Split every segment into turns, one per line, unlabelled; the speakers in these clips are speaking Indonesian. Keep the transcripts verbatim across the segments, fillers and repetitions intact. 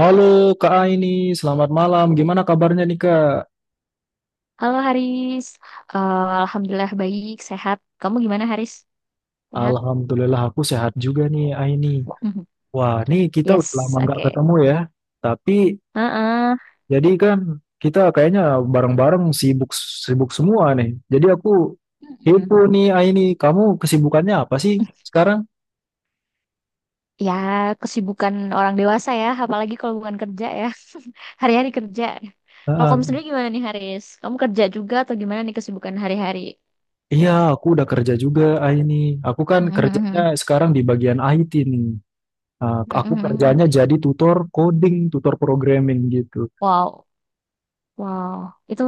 Halo Kak Aini, selamat malam. Gimana kabarnya nih Kak?
Halo Haris, Eh, Alhamdulillah baik, sehat. Kamu gimana Haris? Sehat?
Alhamdulillah aku sehat juga nih Aini.
Mhm.
Wah, nih kita udah
Yes,
lama nggak
oke.
ketemu ya. Tapi
Heeh.
jadi kan kita kayaknya bareng-bareng sibuk sibuk semua nih. Jadi aku
Mhm.
kepo nih Aini, kamu kesibukannya apa sih sekarang?
Ya, kesibukan orang dewasa ya, apalagi kalau bukan kerja ya. Hari-hari kerja. Kalau kamu
Heeh.
sendiri gimana nih Haris? Kamu kerja juga atau gimana nih kesibukan hari-hari?
Iya, aku udah kerja juga Aini. Aku kan kerjanya
Mhm.
sekarang di bagian I T nih. Nah, aku
Mhm.
kerjanya jadi tutor coding, tutor programming gitu.
Wow, wow. Itu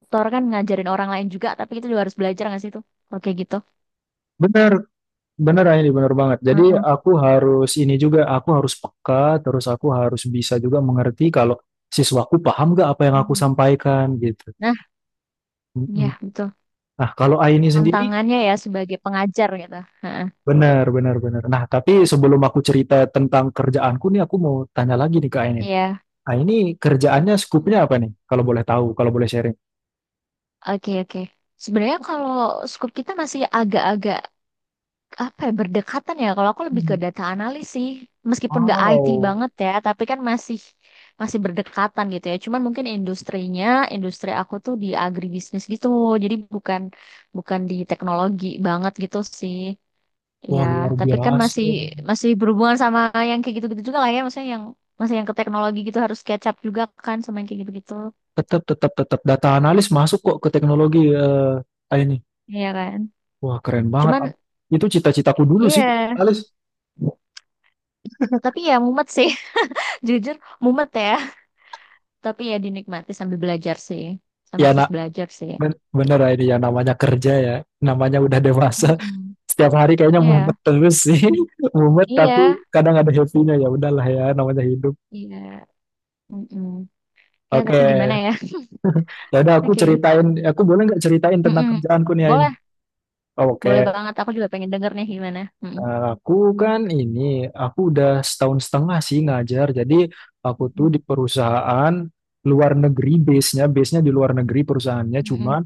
tutor kan ngajarin orang lain juga, tapi itu juga harus belajar nggak sih itu? Oke gitu.
Benar, Bener ini bener banget. Jadi
Heeh.
aku harus ini juga, aku harus peka, terus aku harus bisa juga mengerti kalau siswaku paham gak apa yang aku
Mhm.
sampaikan gitu.
Nah,
Mm-mm.
ya betul.
Nah kalau Aini sendiri,
Tantangannya ya sebagai pengajar gitu. Heeh.
bener bener bener. Nah tapi sebelum aku cerita tentang kerjaanku nih, aku mau tanya lagi nih ke Aini.
Iya.
Aini kerjaannya
Mm.
skupnya apa nih? Kalau boleh tahu, kalau boleh sharing.
Oke, oke. Sebenarnya kalau scoop kita masih agak-agak apa ya berdekatan ya. Kalau aku lebih ke
Hmm.
data analis sih. Meskipun nggak I T
Wow,
banget ya, tapi kan masih masih berdekatan gitu ya. Cuman mungkin industrinya, industri aku tuh di agribisnis gitu. Jadi bukan bukan di teknologi banget gitu sih. Iya,
wah luar
tapi kan
biasa.
masih masih berhubungan sama yang kayak gitu-gitu juga lah ya, maksudnya yang masih yang ke teknologi gitu harus catch up juga kan sama yang kayak gitu-gitu.
Tetap tetap tetap data analis masuk kok ke teknologi eh Aini.
Iya kan?
Wah, keren banget.
Cuman
Am. Itu cita-citaku dulu sih,
iya,
Alis.
tapi ya mumet sih. Jujur mumet ya, tapi ya dinikmati sambil belajar sih.
Ya,
Sambil
nak,
terus belajar sih.
ben- bener ya ini ya namanya kerja ya. Namanya udah dewasa.
Mm-mm.
Setiap hari kayaknya
Iya,
mumet terus sih. Mumet tapi
iya,
kadang ada happy-nya ya. Udahlah ya, namanya hidup.
iya. Mm-mm. Ya,
Oke.
tapi gimana ya?
Ya udah aku
Oke.
ceritain, Ya, aku boleh nggak ceritain tentang
Mm-mm.
kerjaanku nih ya ini?
Boleh,
Oh, Oke.
boleh banget. Aku juga pengen denger nih gimana. Mm-mm.
Eh, Aku kan ini, aku udah setahun setengah sih ngajar. Jadi aku tuh
Mm-mm.
di perusahaan luar negeri base-nya, base-nya di luar negeri perusahaannya. Cuma
Mm-mm.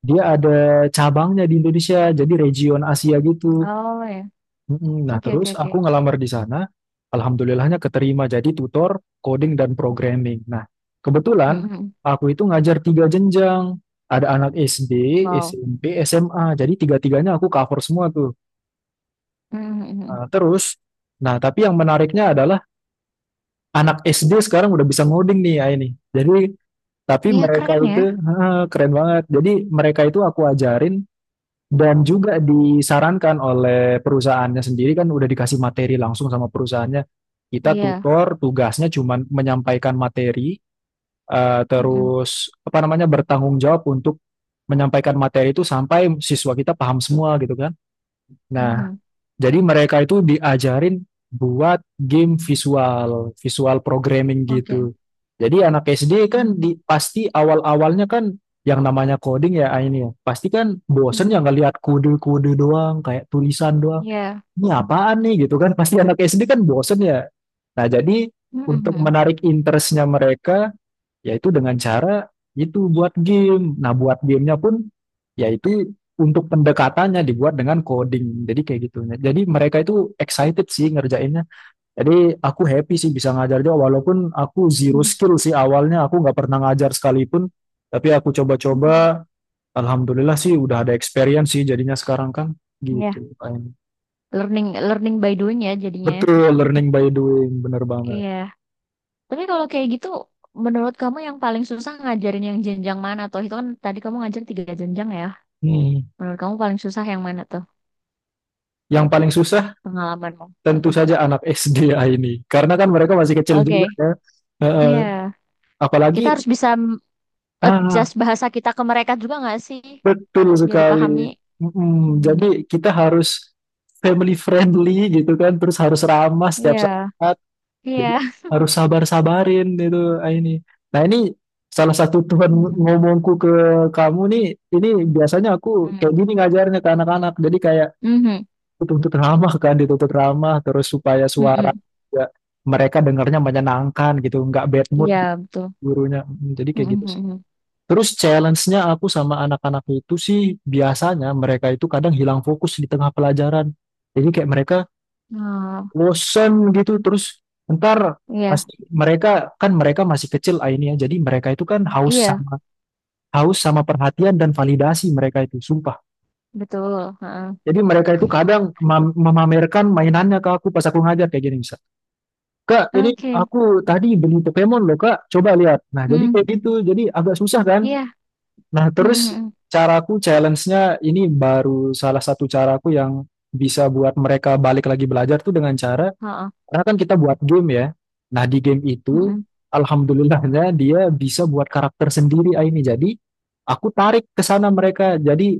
Dia ada cabangnya di Indonesia, jadi region Asia gitu.
Oh ya.
Mm-mm. Nah,
Oke, oke,
terus
oke.
aku ngelamar di sana, alhamdulillahnya keterima jadi tutor coding dan programming. Nah, kebetulan
Mm-mm.
aku itu ngajar tiga jenjang. Ada anak S D,
Wow.
S M P, S M A. Jadi tiga-tiganya aku cover semua tuh.
Mhm, mhm, mhm.
Nah, terus, nah tapi yang menariknya adalah anak S D sekarang udah bisa ngoding nih ya ini. Jadi, tapi
Iya
mereka
keren ya.
itu, keren banget. Jadi mereka itu aku ajarin Dan juga disarankan oleh perusahaannya sendiri kan udah dikasih materi langsung sama perusahaannya. Kita
Iya.
tutor, tugasnya cuma menyampaikan materi, eh,
Mhm,
terus apa namanya bertanggung jawab untuk menyampaikan materi itu sampai siswa kita paham semua gitu kan. Nah,
mhm.
jadi mereka itu diajarin buat game visual, visual programming
Oke.
gitu. Jadi anak S D kan
Mhm,
di, pasti awal-awalnya kan yang namanya coding ya ini ya. Pasti kan bosen ya
mhm.
ngelihat kode-kode doang, kayak tulisan doang.
Iya.
Ini apaan nih gitu kan. Pasti anak S D kan bosen ya. Nah jadi
Mhm,
untuk
mhm,
menarik interestnya mereka, yaitu dengan cara itu buat game. Nah, buat gamenya pun yaitu untuk pendekatannya dibuat dengan coding. Jadi kayak gitu. Jadi mereka itu excited sih ngerjainnya. Jadi aku happy sih bisa ngajar Jawa walaupun aku zero
mhm,
skill sih awalnya aku nggak pernah ngajar sekalipun. Tapi aku
mhm.
coba-coba, alhamdulillah sih udah ada experience sih jadinya sekarang kan
Iya.
gitu.
Learning learning by doing ya jadinya.
Betul, learning by doing, bener banget.
Iya. Tapi kalau kayak gitu, menurut kamu yang paling susah ngajarin yang jenjang mana? Tuh itu kan tadi kamu ngajar tiga jenjang ya.
Hmm.
Menurut kamu paling susah yang mana tuh
Yang paling susah
pengalamanmu?
tentu
Mhm.
saja anak S D ya ini. Karena kan mereka masih kecil juga
Oke.
ya. Heeh.
Iya. Kita
apalagi
harus bisa m-
ah
adjust bahasa kita ke mereka juga nggak sih?
betul
Biar
sekali.
dipahami.
Mm,
Hmm.
jadi kita harus family friendly gitu kan, terus harus ramah setiap
Iya.
saat. Jadi
Iya.
harus sabar-sabarin itu ini. Nah, ini salah satu Tuhan
Mhm,
ngomongku ke kamu nih, ini biasanya aku
mhm,
kayak gini ngajarnya ke anak-anak. Jadi kayak
mhm,
tuntut ramah kan dituntut ramah terus supaya suara
mhm.
juga mereka dengarnya menyenangkan gitu nggak bad mood
Iya
gitu
betul.
gurunya Mm, jadi kayak
Mhm,
gitu sih
mhm.
terus challenge-nya aku sama anak-anak itu sih biasanya mereka itu kadang hilang fokus di tengah pelajaran jadi kayak mereka
Oh
bosen gitu terus ntar
iya
pasti mereka kan mereka masih kecil ah ini ya jadi mereka itu kan haus
iya
sama haus sama perhatian dan validasi mereka itu sumpah
betul. Heeh.
jadi mereka itu kadang mem- memamerkan mainannya ke aku pas aku ngajar kayak gini misalnya Kak, ini
Oke.
aku tadi beli Pokemon loh, Kak. Coba lihat. Nah, jadi kayak
Mhm.
gitu. Jadi agak susah kan?
Iya.
Nah,
Mhm,
terus
mhm.
caraku challenge-nya ini baru salah satu caraku yang bisa buat mereka balik lagi belajar tuh dengan cara,
Heeh.
karena kan kita buat game ya. Nah, di game itu,
Mhm,
alhamdulillahnya dia bisa buat karakter sendiri ah, ini. Jadi, aku tarik ke sana mereka. Jadi,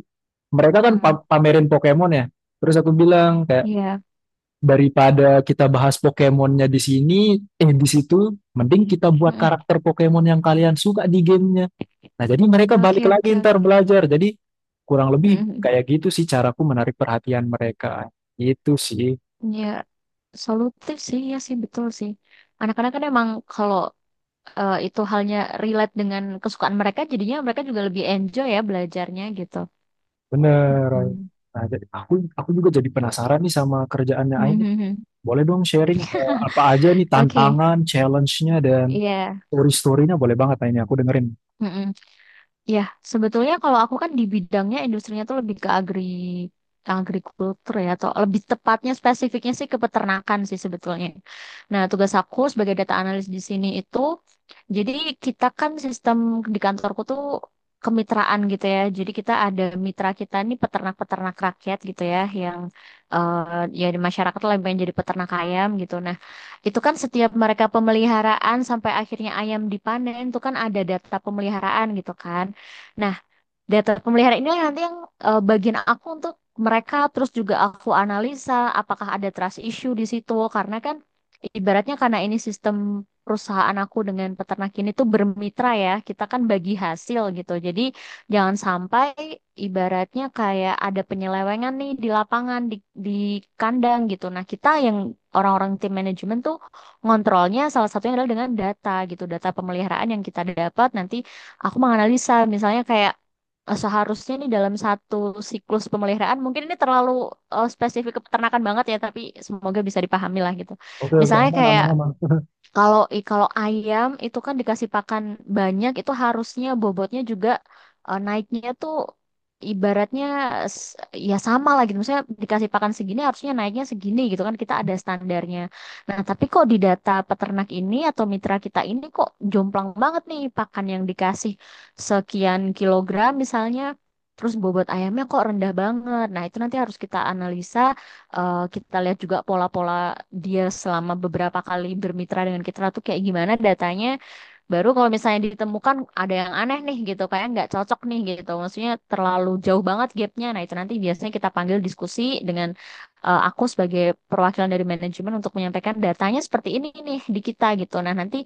mereka kan
mhm.
pa- pamerin Pokemon ya. Terus aku bilang,
Iya.
daripada kita bahas Pokemonnya di sini, eh di situ, mending kita buat
Mhm.
karakter Pokemon yang kalian suka di gamenya. Nah, jadi mereka
Oke
balik lagi
oke
ntar
oke.
belajar. Jadi kurang lebih
Mhm.
kayak gitu sih caraku menarik perhatian mereka. Itu sih,
Ya, solutif sih ya sih betul sih. Anak-anak kan emang kalau eh, itu halnya relate dengan kesukaan mereka, jadinya mereka juga lebih enjoy ya belajarnya gitu.
bener. Ain.
Mhm.
Nah, jadi aku aku juga jadi
Oke oke.
penasaran nih sama kerjaannya Ain.
Mhm,
Ini.
mhm.
Boleh dong sharing eh, apa aja nih
Oke.
tantangan, challenge-nya dan
Iya.
story-story-nya boleh banget Ain, ini aku dengerin.
Mhm. Ya, sebetulnya kalau aku kan di bidangnya industrinya tuh lebih ke agri agrikultur ya atau lebih tepatnya spesifiknya sih ke peternakan sih sebetulnya. Nah, tugas aku sebagai data analis di sini itu jadi kita kan sistem di kantorku tuh kemitraan gitu ya. Jadi kita ada mitra kita nih peternak-peternak rakyat gitu ya yang eh, ya di masyarakat lah yang pengen jadi peternak ayam gitu. Nah, itu kan setiap mereka pemeliharaan sampai akhirnya ayam dipanen itu kan ada data pemeliharaan gitu kan. Nah, data pemeliharaan ini nanti yang eh, bagian aku untuk mereka terus juga aku analisa apakah ada trust issue di situ karena kan ibaratnya karena ini sistem perusahaan aku dengan peternak ini tuh bermitra ya, kita kan bagi hasil gitu. Jadi jangan sampai ibaratnya kayak ada penyelewengan nih di lapangan di di kandang gitu. Nah, kita yang orang-orang tim manajemen tuh ngontrolnya salah satunya adalah dengan data gitu, data pemeliharaan yang kita dapat nanti aku menganalisa misalnya kayak eh, seharusnya nih dalam satu siklus pemeliharaan mungkin ini terlalu eh, spesifik ke peternakan banget ya tapi semoga bisa dipahami lah gitu.
Oke, oke,
Misalnya
aman,
kayak
aman, aman.
kalau i- kalau ayam itu kan dikasih pakan banyak itu harusnya bobotnya juga eh, naiknya tuh ibaratnya s- ya sama lah gitu. Misalnya dikasih pakan segini harusnya naiknya segini gitu kan kita ada standarnya. Nah, tapi kok di data peternak ini atau mitra kita ini kok jomplang banget nih pakan yang dikasih sekian kilogram misalnya terus bobot ayamnya kok rendah banget. Nah, itu nanti harus kita analisa eh, kita lihat juga pola-pola dia selama beberapa kali bermitra dengan kita tuh kayak gimana datanya. Baru kalau misalnya ditemukan ada yang aneh nih gitu, kayak nggak cocok nih gitu. Maksudnya terlalu jauh banget gapnya. Nah itu nanti biasanya kita panggil diskusi dengan eh, aku sebagai perwakilan dari manajemen untuk menyampaikan datanya seperti ini nih di kita gitu. Nah nanti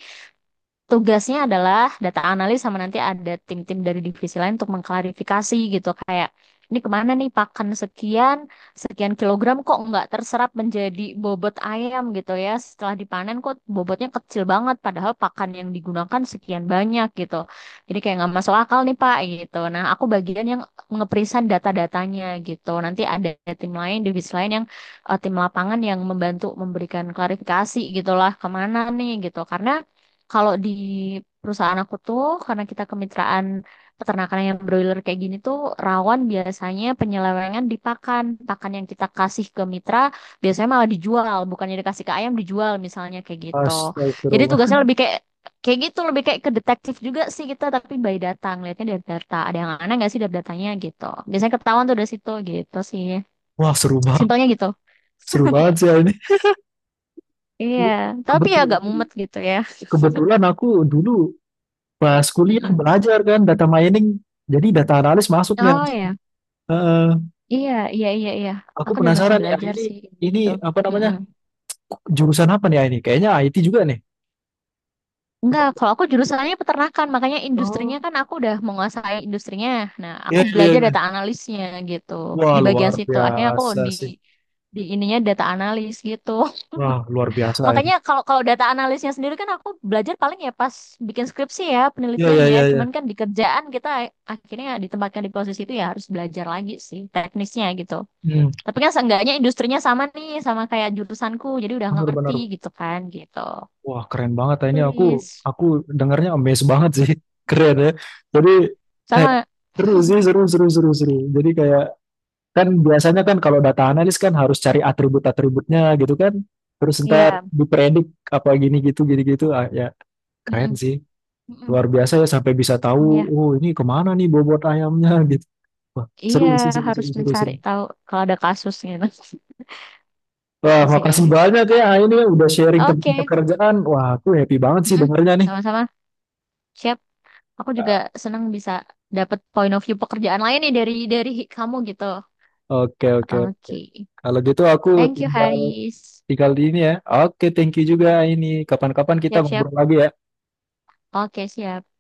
tugasnya adalah data analis sama nanti ada tim-tim dari divisi lain untuk mengklarifikasi gitu kayak ini kemana nih pakan sekian sekian kilogram kok nggak terserap menjadi bobot ayam gitu ya setelah dipanen kok bobotnya kecil banget padahal pakan yang digunakan sekian banyak gitu jadi kayak nggak masuk akal nih Pak gitu nah aku bagian yang ngeprisan data-datanya gitu nanti ada tim lain divisi lain yang eh, tim lapangan yang membantu memberikan klarifikasi gitulah kemana nih gitu karena kalau di perusahaan aku tuh, karena kita kemitraan peternakan yang broiler kayak gini tuh, rawan biasanya penyelewengan di pakan. Pakan yang kita kasih ke mitra biasanya malah dijual, bukannya dikasih ke ayam dijual misalnya kayak gitu. Jadi
Astagfirullah.
tugasnya lebih kayak kayak gitu, lebih kayak ke detektif juga sih kita, tapi by data, ngeliatnya dari data. Ada yang aneh nggak sih dari datanya gitu. Biasanya ketahuan tuh dari situ gitu sih.
Wah, seru banget.
Simpelnya gitu.
Seru banget sih Ain.
Iya,
Ke-
tapi ya agak
Kebetulan,
mumet gitu ya.
kebetulan aku dulu pas kuliah
Mm-mm.
belajar kan data mining. Jadi data analis masuk nih.
Oh
Ars.
ya.
Heeh.
Iya, iya, iya, iya.
aku
Aku juga masih
penasaran nih, ah,
belajar
ini
sih
ini
gitu.
apa namanya
Mm-mm.
jurusan apa nih ah, ini? Kayaknya I T juga nih.
Enggak, kalau aku jurusannya peternakan, makanya
Oh,
industrinya kan aku udah menguasai industrinya. Nah, aku
iya iya
belajar
iya.
data analisnya gitu.
Wah
Di bagian
luar
situ akhirnya aku
biasa
di
sih.
di ininya data analis gitu.
Wah luar biasa ini.
Makanya kalau kalau data analisnya sendiri kan aku belajar paling ya pas bikin skripsi ya,
Iya
penelitian
iya
ya.
iya. iya.
Cuman kan di kerjaan kita akhirnya ditempatkan di posisi itu ya harus belajar lagi sih teknisnya gitu.
Hmm,
Tapi kan seenggaknya industrinya sama nih, sama kayak jurusanku. Jadi udah ngerti
benar-benar.
gitu kan, gitu.
Wah keren banget ah, ini. Aku
Turis.
aku dengarnya amazed banget sih. Keren ya. Jadi kayak
Sama,
seru sih seru seru seru seru. Jadi Kan biasanya kan kalau data analis kan harus cari atribut-atributnya gitu kan. Terus ntar
iya.
dipredik apa gini gitu gini gitu. Ah, ya keren
Mm-mm,
sih.
mm-mm,
Luar biasa ya sampai bisa tahu
iya,
oh ini kemana nih bobot ayamnya gitu. Wah, seru
iya
sih seru
harus
seru seru
mencari
seru.
tahu kalau ada kasus gitu.
Wah,
Gitu sih, ya.
makasih banyak ya ah, ini udah sharing tentang
Oke.
pekerjaan. Wah, aku happy banget sih
Mm-mm,
dengernya nih.
sama-sama. Siap. Aku juga senang bisa dapat point of view pekerjaan lain nih dari dari kamu gitu.
Oke oke.
Oke.
Kalau gitu aku
Thank you,
tinggal
Haris.
tinggal di ini ya. Oke, thank you juga ini. Kapan-kapan kita
Siap-siap.
ngobrol lagi ya.
Oke, siap.